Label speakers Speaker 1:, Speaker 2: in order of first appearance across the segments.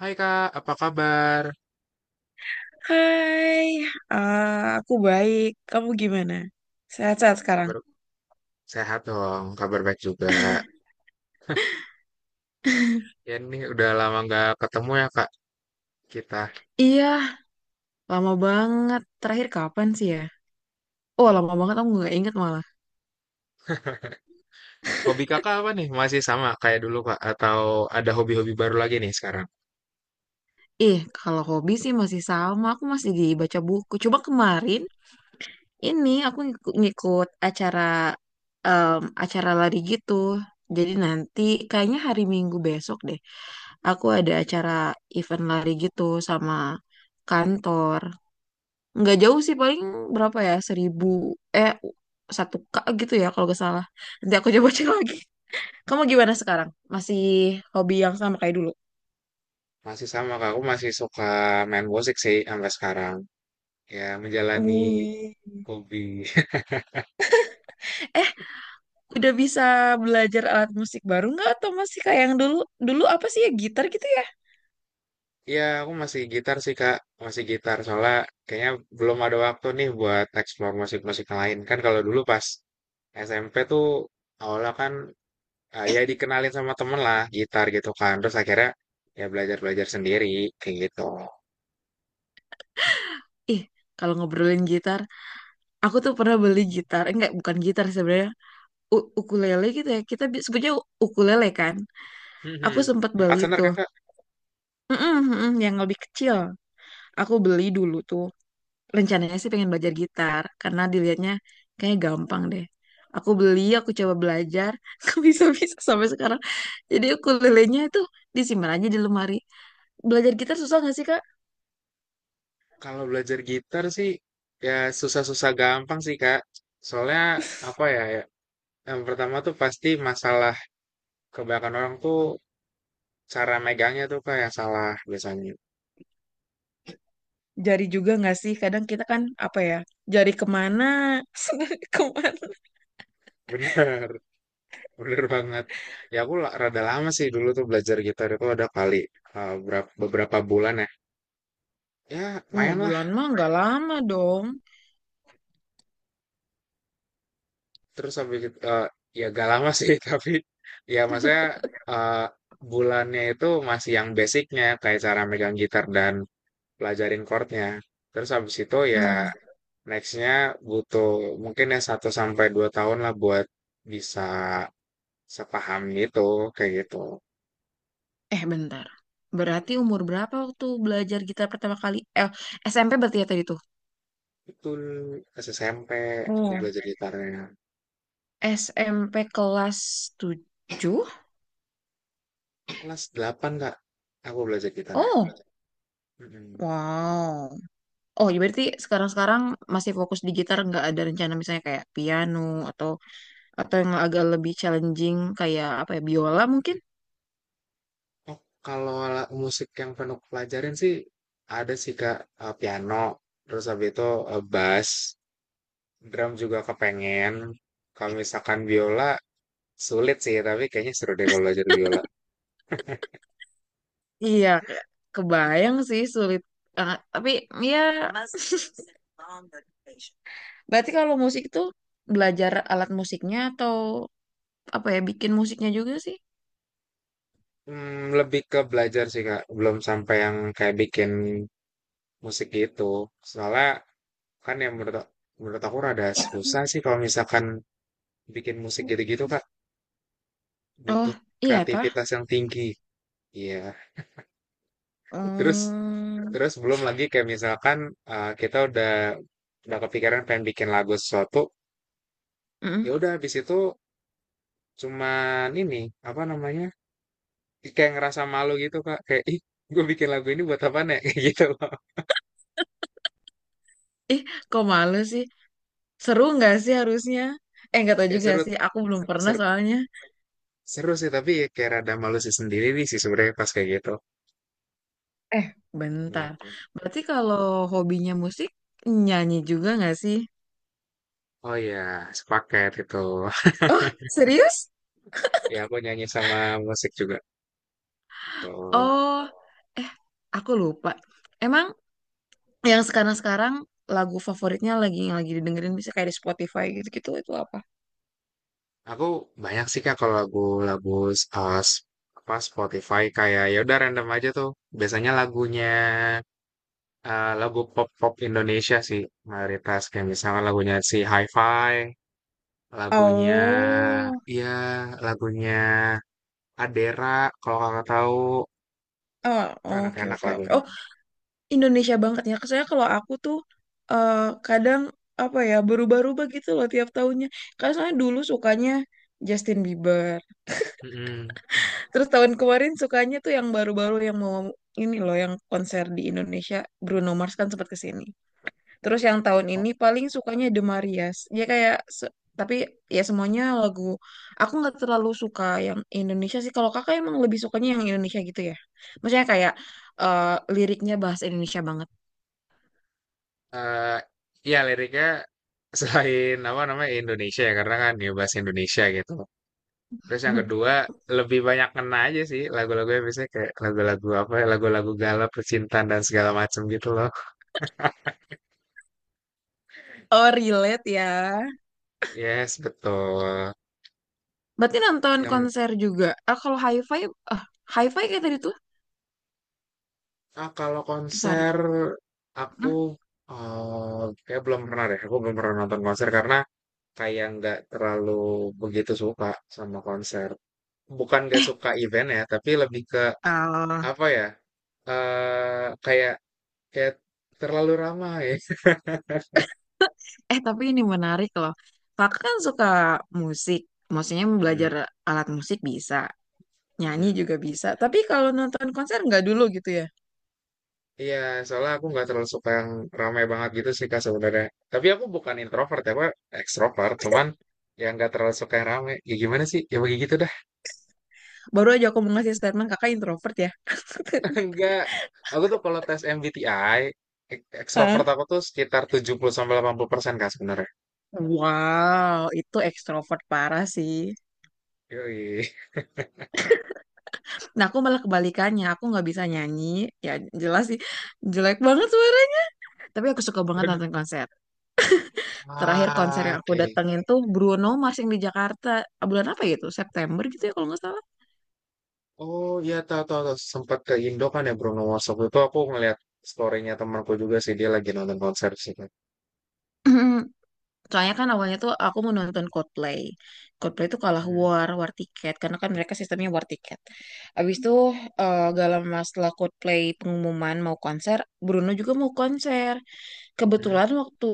Speaker 1: Hai Kak, apa kabar?
Speaker 2: Hai, eh, aku baik. Kamu gimana? Sehat-sehat sekarang?
Speaker 1: Kabar sehat dong, kabar baik juga. Ya ini udah lama nggak ketemu ya Kak, kita.
Speaker 2: Iya, lama banget. Terakhir kapan sih ya? Oh, lama banget aku nggak inget malah.
Speaker 1: Hobi Kakak apa nih? Masih sama kayak dulu Kak? Atau ada hobi-hobi baru lagi nih sekarang?
Speaker 2: Ih, kalau hobi sih masih sama. Aku masih di baca buku. Coba kemarin ini aku ngikut acara em, acara lari gitu. Jadi nanti kayaknya hari Minggu besok deh. Aku ada acara event lari gitu sama kantor. Nggak jauh sih, paling berapa ya, 1.000 eh 1K gitu ya kalau nggak salah, nanti aku coba cek lagi. Kamu gimana sekarang, masih hobi yang sama kayak dulu?
Speaker 1: Masih sama Kak, aku masih suka main musik sih sampai sekarang. Ya menjalani
Speaker 2: Wih.
Speaker 1: hobi.
Speaker 2: Eh, udah bisa belajar alat musik baru nggak, atau masih kayak yang dulu? Dulu apa sih ya, gitar gitu ya?
Speaker 1: Ya aku masih gitar sih Kak, masih gitar. Soalnya kayaknya belum ada waktu nih buat eksplor musik-musik yang lain. Kan kalau dulu pas SMP tuh awalnya kan ya dikenalin sama temen lah gitar gitu kan terus akhirnya ya belajar belajar sendiri kayak gitu.
Speaker 2: Ih, kalau ngobrolin gitar, aku tuh pernah beli gitar. Eh, enggak, bukan gitar sebenarnya. U- ukulele gitu ya. Kita bi- sebutnya u- ukulele kan.
Speaker 1: Mhm.
Speaker 2: Aku sempat
Speaker 1: Empat
Speaker 2: beli
Speaker 1: senar kan
Speaker 2: tuh.
Speaker 1: kak?
Speaker 2: Mm-mm, mm-mm, yang lebih kecil. Aku beli dulu tuh. Rencananya sih pengen belajar gitar karena dilihatnya kayak gampang deh. Aku beli, aku coba belajar, aku bisa-bisa sampai sekarang. Jadi ukulelenya itu disimpan aja di lemari. Belajar gitar susah nggak sih, Kak?
Speaker 1: Kalau belajar gitar sih ya susah-susah gampang sih kak, soalnya apa ya, ya yang pertama tuh pasti masalah kebanyakan orang tuh cara megangnya tuh kak yang salah biasanya.
Speaker 2: Jari juga nggak sih? Kadang kita kan apa ya? Jari kemana? Senari kemana?
Speaker 1: Bener, bener banget. Ya aku rada lama sih dulu tuh belajar gitar itu, ada kali beberapa bulan ya, ya
Speaker 2: Wah,
Speaker 1: lumayan.
Speaker 2: bulan mah nggak lama dong.
Speaker 1: Terus habis itu, ya gak lama sih, tapi ya maksudnya eh, bulannya itu masih yang basicnya, kayak cara megang gitar dan pelajarin chordnya. Terus habis itu ya
Speaker 2: Hmm.
Speaker 1: nextnya butuh mungkin ya 1 sampai 2 tahun lah buat bisa sepaham gitu, kayak gitu.
Speaker 2: Eh, bentar. Berarti umur berapa waktu belajar gitar pertama kali? Eh, SMP berarti ya tadi tuh.
Speaker 1: Itu pas SMP aku
Speaker 2: Iya.
Speaker 1: belajar gitarnya.
Speaker 2: SMP kelas 7.
Speaker 1: Kelas 8 kak, aku belajar gitarnya.
Speaker 2: Oh.
Speaker 1: Mm-mm.
Speaker 2: Wow. Oh, ya berarti sekarang-sekarang masih fokus di gitar, nggak ada rencana misalnya kayak piano atau atau yang agak lebih challenging kayak apa ya, biola mungkin?
Speaker 1: Oh, kalau musik yang penuh pelajarin sih ada sih Kak, piano, terus habis itu bass, drum juga kepengen. Kalau misalkan biola sulit sih, tapi kayaknya seru deh kalau belajar biola.
Speaker 2: Iya, kayak kebayang sih sulit. Ah, tapi ya, berarti kalau musik itu belajar alat musiknya atau apa ya, bikin musiknya juga sih?
Speaker 1: Hmm, lebih ke belajar sih Kak, belum sampai yang kayak bikin musik gitu. Soalnya kan yang menurut menurut aku rada susah sih kalau misalkan bikin musik gitu-gitu Kak,
Speaker 2: Oh,
Speaker 1: butuh
Speaker 2: iya tah?
Speaker 1: kreativitas yang tinggi. Iya. Terus
Speaker 2: Hmm.
Speaker 1: terus belum lagi kayak misalkan kita udah kepikiran pengen bikin lagu sesuatu, ya
Speaker 2: Mm-mm.
Speaker 1: udah habis itu cuman ini, apa namanya, kayak ngerasa malu gitu Kak, kayak ih, gue bikin lagu ini buat apa nih, kayak gitu loh.
Speaker 2: Ih, kok malu sih? Seru nggak sih harusnya? Eh, nggak tahu
Speaker 1: Kayak
Speaker 2: juga
Speaker 1: seru
Speaker 2: sih. Aku belum pernah
Speaker 1: seru,
Speaker 2: soalnya.
Speaker 1: seru sih tapi ya kayak rada malu sih sendiri nih sih sebenarnya pas kayak gitu.
Speaker 2: Eh, bentar.
Speaker 1: Gitu.
Speaker 2: Berarti kalau hobinya musik, nyanyi juga nggak sih?
Speaker 1: Oh iya, sepaket itu.
Speaker 2: Oh, serius?
Speaker 1: Ya aku nyanyi sama musik juga. Tuh.
Speaker 2: Oh, eh, aku lupa. Emang yang sekarang-sekarang lagu favoritnya, lagi yang lagi didengerin bisa kayak di Spotify gitu-gitu itu apa?
Speaker 1: Aku banyak sih Kak kalau lagu-lagu uh, s- apa Spotify kayak ya udah random aja tuh. Biasanya lagunya lagu pop-pop Indonesia sih mayoritas kayak misalnya lagunya si Hi-Fi, lagunya
Speaker 2: Oh,
Speaker 1: ya lagunya Adera, kalau kakak tahu,
Speaker 2: oh,
Speaker 1: itu
Speaker 2: oke
Speaker 1: enak-enak
Speaker 2: oke oke.
Speaker 1: lagunya.
Speaker 2: Oh, Indonesia banget ya. Saya, kalau aku tuh eh, kadang apa ya, berubah-ubah gitu loh tiap tahunnya. Karena soalnya dulu sukanya Justin Bieber.
Speaker 1: Mm-mm.
Speaker 2: Terus tahun kemarin sukanya tuh yang baru-baru, yang mau ini loh, yang konser di Indonesia, Bruno Mars kan sempat kesini. Terus yang tahun
Speaker 1: Oh,
Speaker 2: ini paling sukanya The Marias. Dia kayak se- tapi ya semuanya lagu. Aku nggak terlalu suka yang Indonesia sih. Kalau kakak emang lebih sukanya yang Indonesia gitu ya. Maksudnya kayak, eh, liriknya bahasa Indonesia banget.
Speaker 1: eh, ya liriknya selain apa namanya Indonesia ya karena kan ya bahasa Indonesia gitu. Terus yang kedua lebih banyak kena aja sih lagu-lagunya, biasanya kayak lagu-lagu apa ya, lagu-lagu galau percintaan dan segala macem gitu loh.
Speaker 2: Oh, relate ya.
Speaker 1: Yes, betul.
Speaker 2: Berarti nonton
Speaker 1: Yang
Speaker 2: konser juga. Ah, kalau hi-fi, ah, hi-fi kayak tadi tuh.
Speaker 1: ah, kalau
Speaker 2: Eh, sorry.
Speaker 1: konser aku
Speaker 2: Hmm.
Speaker 1: kayak belum pernah deh. Aku belum pernah nonton konser karena kayak nggak terlalu begitu suka sama konser. Bukan nggak
Speaker 2: Eh,
Speaker 1: suka event ya, tapi lebih ke
Speaker 2: ah,
Speaker 1: apa ya, kayak kayak terlalu ramai.
Speaker 2: eh tapi ini menarik loh. Kakak kan suka musik. Maksudnya belajar
Speaker 1: Mm-mm,
Speaker 2: alat musik bisa. Nyanyi
Speaker 1: mm-mm.
Speaker 2: juga bisa. Tapi kalau nonton konser nggak dulu gitu ya.
Speaker 1: Iya, soalnya aku nggak terlalu suka yang ramai banget gitu sih kak sebenarnya. Tapi aku bukan introvert ya, aku ekstrovert. Cuman ya nggak terlalu suka yang ramai. Ya gimana sih? Ya begitu dah.
Speaker 2: Baru aja aku mau ngasih statement kakak introvert ya.
Speaker 1: Enggak. Aku tuh kalau tes MBTI,
Speaker 2: Hah?
Speaker 1: ekstrovert aku tuh sekitar 70 sampai 80% kak sebenarnya.
Speaker 2: Wow, itu ekstrovert parah sih.
Speaker 1: Yoi.
Speaker 2: Nah, aku malah kebalikannya. Aku nggak bisa nyanyi. Ya, jelas sih. Jelek banget suara. Tapi aku suka banget
Speaker 1: Waduh.
Speaker 2: nonton konser. Terakhir konser
Speaker 1: Ah,
Speaker 2: yang aku
Speaker 1: oke.
Speaker 2: datengin tuh Bruno Mars yang di Jakarta. Ah, bulan apa gitu? September gitu ya kalau nggak salah.
Speaker 1: Oh iya, tahu tahu tahu. Sempat ke Indo kan ya Bruno Mars waktu itu, aku ngeliat story-nya temanku juga sih, dia lagi nonton konser sih, Kak.
Speaker 2: Soalnya kan awalnya tuh aku mau nonton Coldplay. Coldplay tuh kalah
Speaker 1: Mhm.
Speaker 2: war, war tiket. Karena kan mereka sistemnya war tiket. Abis itu gak lama setelah Coldplay pengumuman mau konser, Bruno juga mau konser.
Speaker 1: Mhm.
Speaker 2: Kebetulan waktu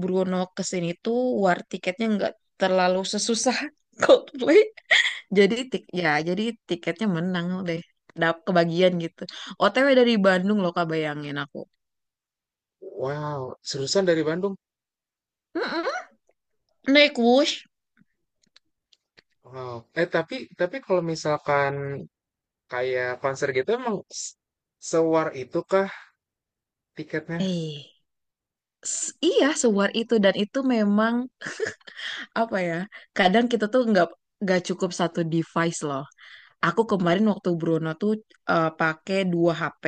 Speaker 2: Bruno kesini tuh war tiketnya nggak terlalu sesusah Coldplay. Jadi tik ya, jadi tiketnya menang deh. Dap kebagian gitu. OTW dari Bandung loh Kak, bayangin aku.
Speaker 1: Wow, seriusan dari Bandung?
Speaker 2: Mm-mm. Naik Whoosh.
Speaker 1: Wow. Eh tapi kalau misalkan kayak konser gitu emang s- sewar itu kah tiketnya?
Speaker 2: Eh, s- iya sewar itu, dan itu memang apa ya? Kadang kita tuh nggak cukup satu device loh. Aku kemarin waktu Bruno tuh, pakai 2 HP,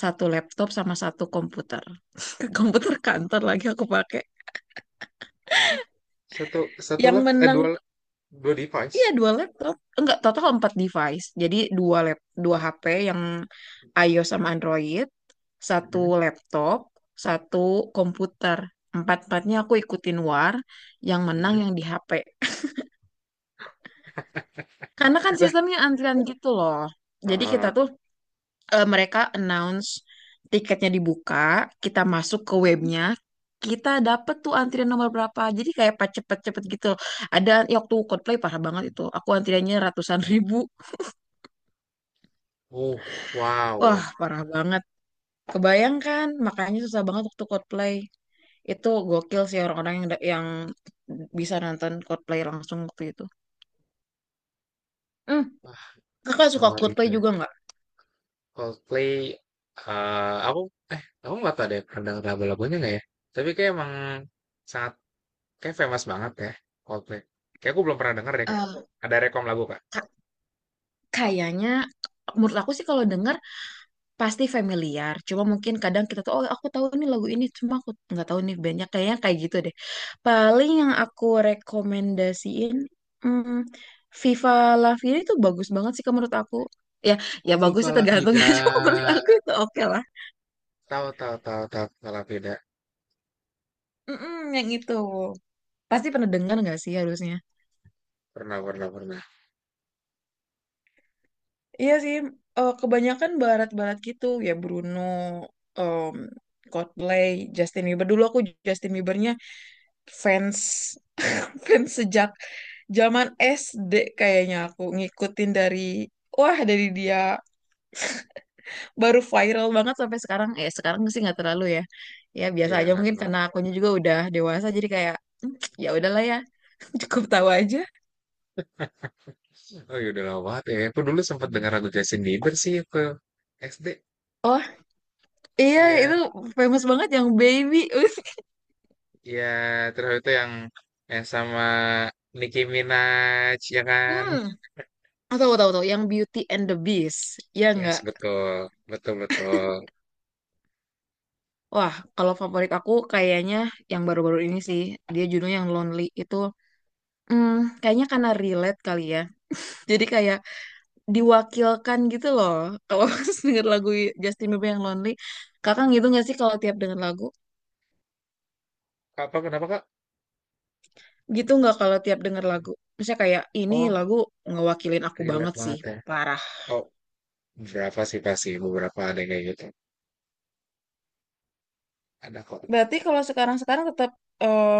Speaker 2: 1 laptop sama 1 komputer. Komputer kantor lagi aku pakai.
Speaker 1: Satu, satu
Speaker 2: Yang
Speaker 1: lap, eh
Speaker 2: menang
Speaker 1: dua, dua device.
Speaker 2: iya 2 laptop, enggak, total 4 device. Jadi 2 lap, 2 HP, yang iOS sama Android, satu
Speaker 1: Mhm,
Speaker 2: laptop, 1 komputer. Empat empatnya aku ikutin war, yang menang
Speaker 1: mhm.
Speaker 2: yang di HP. Karena kan
Speaker 1: Lah,
Speaker 2: sistemnya antrian gitu loh. Jadi kita
Speaker 1: heeh.
Speaker 2: tuh, mereka announce tiketnya dibuka, kita masuk ke webnya, kita dapet tuh antrian nomor berapa. Jadi kayak pas cepet-cepet gitu. Ada ya, waktu Coldplay parah banget itu. Aku antriannya ratusan ribu.
Speaker 1: Uh, wow.
Speaker 2: Wah, parah banget. Kebayang kan? Makanya susah banget waktu Coldplay. Itu gokil sih orang-orang yang da- yang bisa nonton Coldplay langsung waktu itu. Hmm,
Speaker 1: Wah,
Speaker 2: kakak suka
Speaker 1: sewar itu
Speaker 2: Coldplay
Speaker 1: ya.
Speaker 2: juga nggak?
Speaker 1: Coldplay, eh aku aku nggak tahu deh pernah denger lagu-lagunya nggak ya? Tapi kayak emang sangat kayak famous banget ya Coldplay. Kayak aku belum pernah denger deh Kak.
Speaker 2: Eh,
Speaker 1: Ada rekom lagu Kak?
Speaker 2: ka- kayaknya menurut aku sih kalau denger pasti familiar, cuma mungkin kadang kita tuh, oh aku tahu nih lagu ini, cuma aku nggak tahu nih banyak, kayaknya kayak gitu deh. Paling yang aku rekomendasiin, hmm, Viva La Vida itu bagus banget sih Kak, menurut aku. Ya, ya
Speaker 1: Oh,
Speaker 2: bagus
Speaker 1: Viva
Speaker 2: sih
Speaker 1: La
Speaker 2: tergantung ya, cuma menurut
Speaker 1: Vida.
Speaker 2: aku itu oke lah.
Speaker 1: Tahu tahu tahu tahu Viva La Vida.
Speaker 2: Mm-mm, yang itu. Pasti pernah dengar nggak sih harusnya?
Speaker 1: Pernah pernah pernah.
Speaker 2: Iya sih, eh, kebanyakan barat-barat gitu ya, Bruno, em, Coldplay, Justin Bieber. Dulu aku Justin Biebernya fans fans sejak zaman SD kayaknya, aku ngikutin dari, wah dari dia baru viral banget sampai sekarang. Eh, sekarang sih nggak terlalu ya, ya biasa
Speaker 1: Iya
Speaker 2: aja,
Speaker 1: nggak
Speaker 2: mungkin
Speaker 1: pernah.
Speaker 2: karena akunya juga udah dewasa, jadi kayak, "Hmm, ya udahlah ya." Cukup tahu aja.
Speaker 1: Oh iya udah lama banget ya. Aku dulu sempat dengar lagu Justin Bieber sih ke SD.
Speaker 2: Oh iya itu
Speaker 1: Iya
Speaker 2: famous banget yang Baby.
Speaker 1: iya, terus itu yang sama Nicki Minaj ya kan.
Speaker 2: Hmm, tahu tahu tahu, yang Beauty and the Beast ya
Speaker 1: Yes
Speaker 2: nggak?
Speaker 1: betul betul betul.
Speaker 2: Wah, kalau favorit aku kayaknya yang baru-baru ini sih, dia judulnya yang Lonely itu. Hmm, kayaknya karena relate kali ya, jadi kayak diwakilkan gitu loh. Kalau denger lagu Justin Bieber yang Lonely, kakak
Speaker 1: Hmm,
Speaker 2: gitu nggak sih kalau tiap denger lagu?
Speaker 1: apa kenapa kak?
Speaker 2: Gitu nggak kalau tiap denger lagu? Misalnya kayak, ini
Speaker 1: Oh,
Speaker 2: lagu ngewakilin aku
Speaker 1: relate
Speaker 2: banget sih,
Speaker 1: banget ya.
Speaker 2: parah.
Speaker 1: Oh, berapa sih, pasti beberapa ada yang kayak gitu. Ada kok.
Speaker 2: Berarti kalau sekarang-sekarang tetap, eh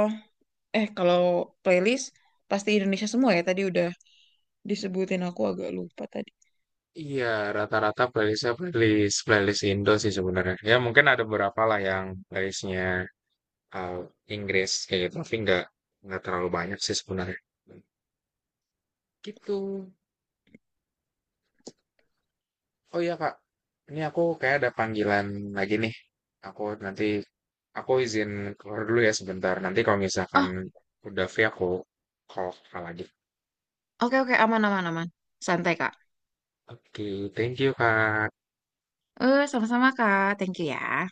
Speaker 2: kalau playlist pasti Indonesia semua ya. Tadi udah disebutin, aku agak lupa tadi.
Speaker 1: Iya, rata-rata playlistnya playlist playlist Indo sih sebenarnya. Ya mungkin ada beberapa lah yang playlistnya eee, Inggris kayak gitu, tapi nggak terlalu banyak sih sebenarnya. Gitu. Oh iya, Kak, ini aku kayak ada panggilan lagi nih. Aku nanti aku izin keluar dulu ya sebentar, nanti kalau misalkan
Speaker 2: Oh,
Speaker 1: udah free aku call Kakak lagi.
Speaker 2: oke oke, aman aman aman. Santai Kak.
Speaker 1: Oke, thank you, Kak.
Speaker 2: Eh, sama-sama Kak. Thank you ya.